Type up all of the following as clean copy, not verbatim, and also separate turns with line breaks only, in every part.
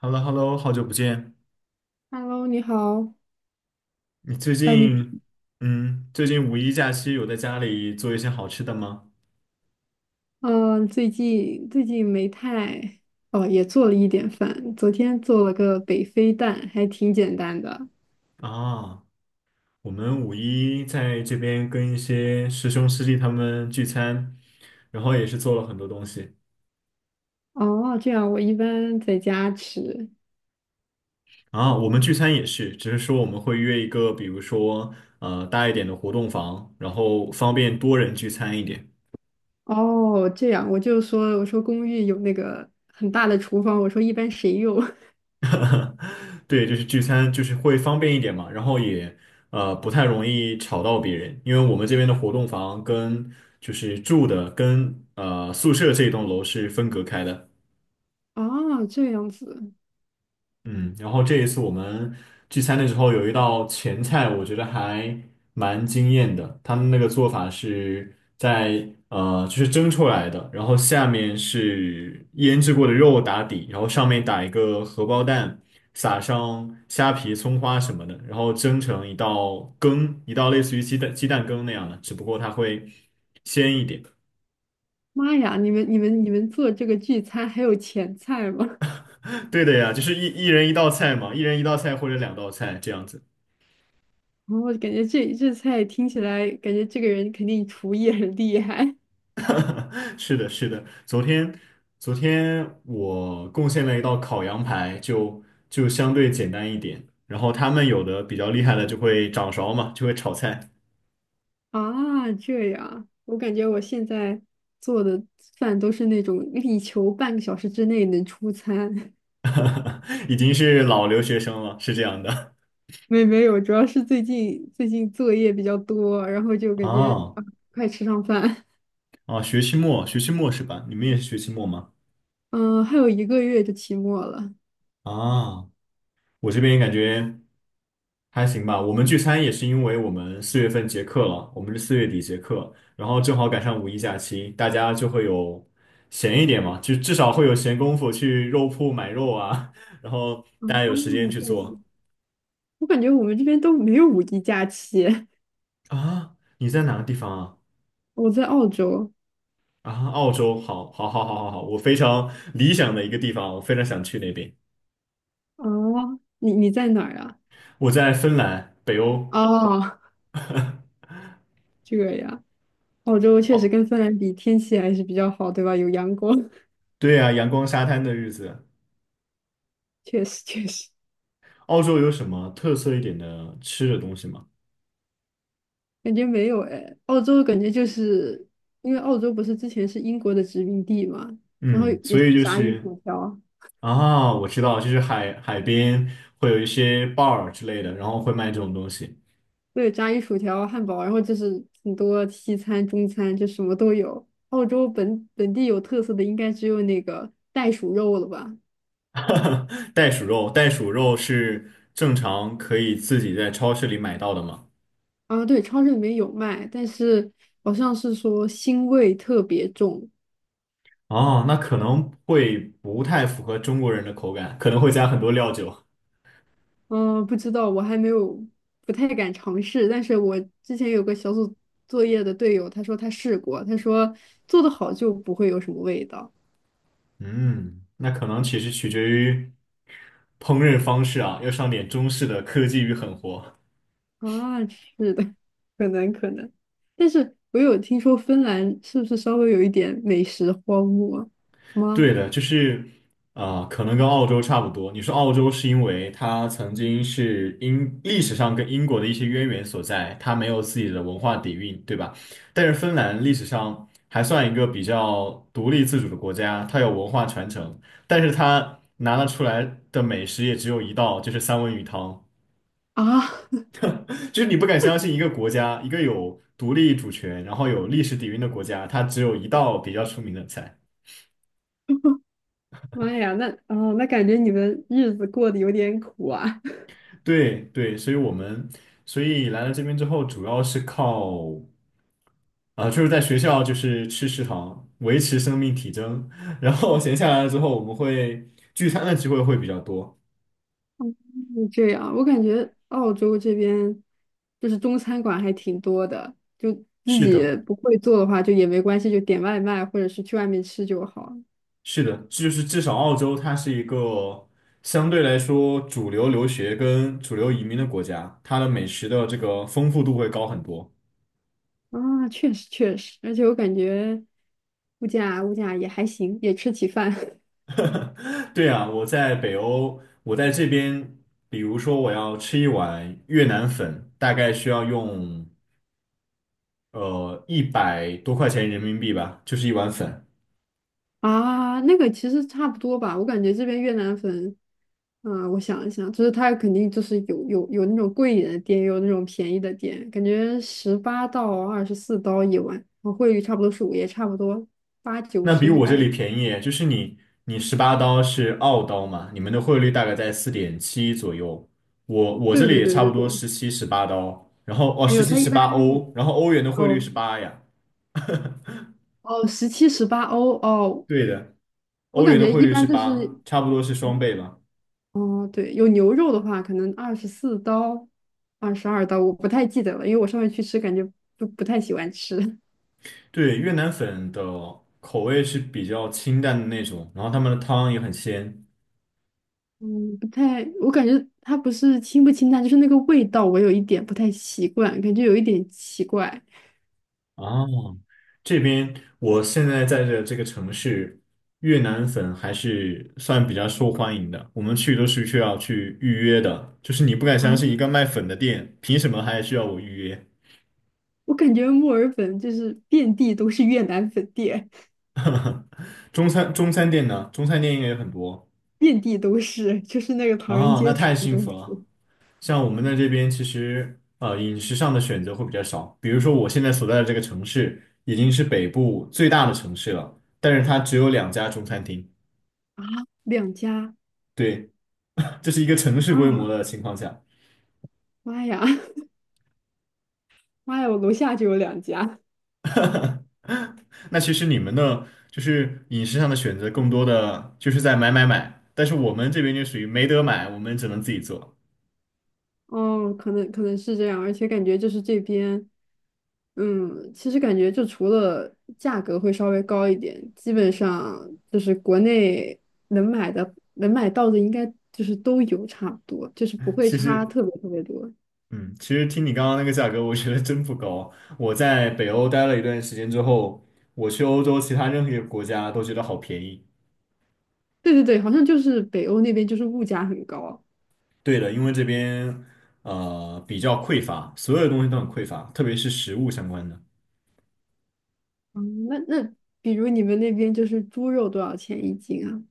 h e l l o h e l l o 好久不见。
Hello，你好。
你最
呃，你
近，
平
嗯，最近五一假期有在家里做一些好吃的吗？
呃最近最近没太哦，也做了一点饭。昨天做了个北非蛋，还挺简单的。
啊，我们五一在这边跟一些师兄师弟他们聚餐，然后也是做了很多东西。
哦，这样我一般在家吃。
啊，我们聚餐也是，只是说我们会约一个，比如说大一点的活动房，然后方便多人聚餐一点。
哦，这样我就说，我说公寓有那个很大的厨房，我说一般谁用？
对，就是聚餐，就是会方便一点嘛，然后也不太容易吵到别人，因为我们这边的活动房跟就是住的跟宿舍这一栋楼是分隔开的。
哦，这样子。
嗯，然后这一次我们聚餐的时候有一道前菜，我觉得还蛮惊艳的。他们那个做法是在就是蒸出来的，然后下面是腌制过的肉打底，然后上面打一个荷包蛋，撒上虾皮、葱花什么的，然后蒸成一道羹，一道类似于鸡蛋羹那样的，只不过它会鲜一点。
妈呀，你们做这个聚餐还有前菜吗？
对的呀，就是一人一道菜嘛，一人一道菜或者两道菜这样子。
然感觉这菜听起来，感觉这个人肯定厨艺很厉害。
是的，是的，昨天我贡献了一道烤羊排，就相对简单一点。然后他们有的比较厉害的就会掌勺嘛，就会炒菜，
啊，这样，我感觉我现在做的饭都是那种力求半个小时之内能出餐。
已经是老留学生了，是这样的。
没有，主要是最近作业比较多，然后就 感觉
啊
啊，快吃上饭。
啊，学期末是吧？你们也是学期末吗？
嗯，还有一个月就期末了。啊，
啊，我这边感觉。还行吧，我们聚餐也是因为我们四月份结课了，我们是四月底结课，然后正好赶上五一假期，大家就会有闲一点嘛，就至少会有闲工夫去肉铺买肉啊，然后大家有时间去
这
做
样我感觉我们这边都没有五一假期。
啊。你在哪个地方啊？
我在澳洲。
啊，澳洲，好，好，好，好，好，好，我非常理想的一个地方，我非常想去那边。
啊，你在哪儿啊？
我在芬兰，北欧。
哦，这样，澳洲确实
哦，
跟芬兰比，天气还是比较好，对吧？有阳光，
对啊，阳光沙滩的日子。
确实确实。
澳洲有什么特色一点的吃的东西吗？
感觉没有哎，澳洲感觉就是因为澳洲不是之前是英国的殖民地嘛，然后
嗯，
也
所
是
以就
炸鱼
是。
薯条，
啊，我知道，就是海边会有一些 bar 之类的，然后会卖这种东西。
对，炸鱼薯条、汉堡，然后就是很多西餐、中餐，就什么都有。澳洲本地有特色的应该只有那个袋鼠肉了吧？
袋鼠肉，袋鼠肉是正常可以自己在超市里买到的吗？
啊，对，超市里面有卖，但是好像是说腥味特别重，
哦，那可能会不太符合中国人的口感，可能会加很多料酒。
嗯，不知道，我还没有，不太敢尝试。但是我之前有个小组作业的队友，他说他试过，他说做的好就不会有什么味道。
嗯，那可能其实取决于烹饪方式啊，要上点中式的科技与狠活。
啊。是的，可能可能。但是我有听说芬兰是不是稍微有一点美食荒漠
对
吗？
的，就是可能跟澳洲差不多。你说澳洲是因为它曾经是英历史上跟英国的一些渊源所在，它没有自己的文化底蕴，对吧？但是芬兰历史上还算一个比较独立自主的国家，它有文化传承，但是它拿得出来的美食也只有一道，就是三文鱼汤。
啊，
就是你不敢相信一个国家，一个有独立主权，然后有历史底蕴的国家，它只有一道比较出名的菜。
妈呀，那啊，那感觉你们日子过得有点苦啊。
对对，所以来了这边之后，主要是靠就是在学校就是吃食堂维持生命体征，然后闲下来了之后，我们会聚餐的机会会比较多。
就这样，我感觉澳洲这边就是中餐馆还挺多的，就自
是
己
的，
不会做的话就也没关系，就点外卖或者是去外面吃就好。
是的，就是至少澳洲它是一个相对来说主流留学跟主流移民的国家，它的美食的这个丰富度会高很多。
啊，确实确实，而且我感觉物价也还行，也吃起饭。
对啊，我在北欧，我在这边，比如说我要吃一碗越南粉，大概需要用100多块钱人民币吧，就是一碗粉。
啊，那个其实差不多吧，我感觉这边越南粉，啊、我想一想，就是它肯定就是有那种贵一点的店，也有那种便宜的店，感觉18到24刀一碗，然后汇率差不多是五，也差不多八九
那
十
比
一
我这里
百。
便宜，就是你十八刀是澳刀嘛，你们的汇率大概在4.7左右，我这
对
里
对
也
对
差
对
不多
对，
17、18刀，然后哦
没
十
有，
七
它
十
一般
八欧，然后欧元的汇率是
哦
八呀，
哦17、18欧哦，
对的，
我
欧
感
元的
觉
汇
一
率是
般就是
八，差不多是双倍吧。
哦对，有牛肉的话可能二十四刀、22刀，我不太记得了，因为我上回去吃感觉不太喜欢吃。
对，越南粉的口味是比较清淡的那种，然后他们的汤也很鲜。
嗯，不太，我感觉它不是清不清淡，就是那个味道，我有一点不太习惯，感觉有一点奇怪。
哦，这边我现在在的这个城市，越南粉还是算比较受欢迎的。我们去都是需要去预约的，就是你不敢
啊，
相信一个卖粉的店，凭什么还需要我预约？
我感觉墨尔本就是遍地都是越南粉店，
中餐店呢？中餐店应该有很多。
遍地都是，就是那个唐人
哦，那
街
太
全部
幸
都
福
是
了。像我们在这边，其实饮食上的选择会比较少。比如说我现在所在的这个城市已经是北部最大的城市了，但是它只有两家中餐厅。
啊，两家，
对，这是一个城市
妈
规模
呀！
的情况下。
妈呀，妈呀，我楼下就有两家。
那其实你们呢，就是饮食上的选择更多的就是在买买买，但是我们这边就属于没得买，我们只能自己做。
哦，可能可能是这样，而且感觉就是这边，嗯，其实感觉就除了价格会稍微高一点，基本上就是国内能买的能买到的应该就是都有差不多，就是不会
其
差
实。
特别特别多。
嗯，其实听你刚刚那个价格，我觉得真不高。我在北欧待了一段时间之后，我去欧洲其他任何一个国家都觉得好便宜。
对对对，好像就是北欧那边就是物价很高。
对的，因为这边比较匮乏，所有东西都很匮乏，特别是食物相关的。
嗯，那比如你们那边就是猪肉多少钱一斤啊？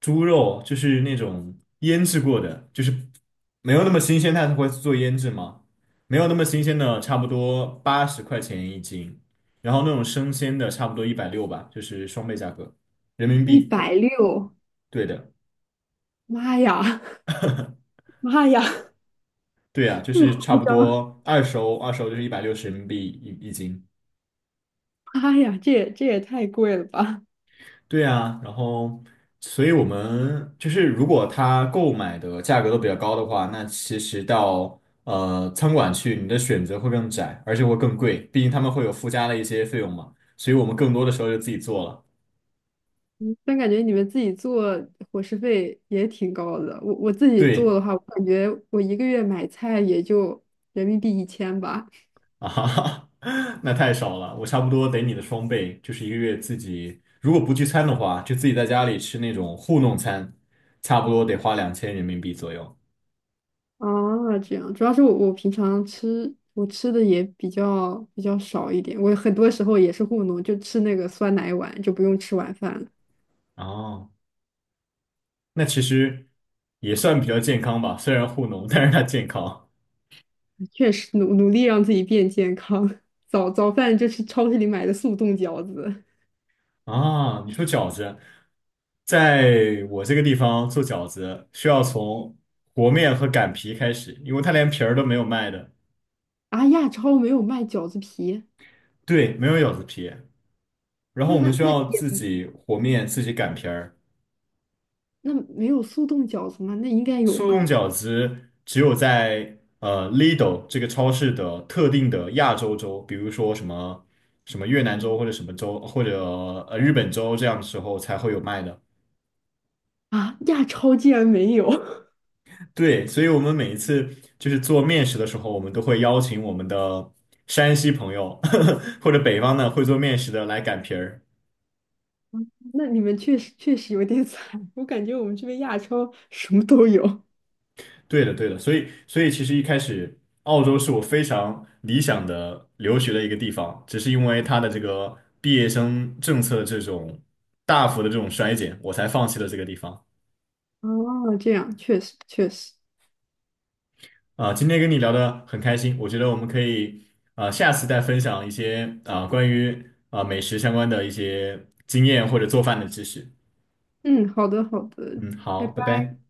猪肉就是那种腌制过的，就是没有那么新鲜，它会做腌制嘛，没有那么新鲜的，差不多80块钱一斤，然后那种生鲜的差不多一百六吧，就是双倍价格，人民
一
币。
百六，
对的，
妈呀 妈呀，
对啊，就
这么
是差
夸
不
张？
多二手，二手就是160元人民币一斤。
妈呀，这也太贵了吧！
对啊，然后，所以我们就是如果他购买的价格都比较高的话，那其实到餐馆去，你的选择会更窄，而且会更贵，毕竟他们会有附加的一些费用嘛，所以我们更多的时候就自己做了。
嗯但感觉你们自己做伙食费也挺高的。我自己做
对
的话，我感觉我一个月买菜也就人民币1000吧。
啊哈哈，那太少了，我差不多得你的双倍，就是一个月自己如果不聚餐的话，就自己在家里吃那种糊弄餐，差不多得花2000元人民币左右。
啊，这样，主要是我平常吃我吃的也比较少一点，我很多时候也是糊弄，就吃那个酸奶碗，就不用吃晚饭了。
哦。那其实也算比较健康吧，虽然糊弄，但是它健康
确实努努力让自己变健康，早饭就是超市里买的速冻饺子。
啊。你说饺子，在我这个地方做饺子需要从和面和擀皮开始，因为它连皮儿都没有卖的，
啊，亚超没有卖饺子皮，
对，没有饺子皮。然后
那
我
那
们需
那
要
也
自己和面，自己擀皮儿。
那没有速冻饺子吗？那应该有
速冻
吧。
饺子只有在Lidl 这个超市的特定的亚洲州，比如说什么什么越南州或者什么州或者日本州这样的时候才会有卖的。
啊，亚超竟然没有，
对，所以我们每一次就是做面食的时候，我们都会邀请我们的山西朋友 或者北方的会做面食的来擀皮儿。
那你们确实确实有点 惨。我感觉我们这边亚超什么都有。
对的，对的，所以其实一开始澳洲是我非常理想的留学的一个地方，只是因为它的这个毕业生政策的这种大幅的这种衰减，我才放弃了这个地方。
哦，这样确实确实，
今天跟你聊得很开心，我觉得我们可以下次再分享一些关于美食相关的一些经验或者做饭的知识。
嗯，好的好的，
嗯，
拜
好，拜
拜。
拜。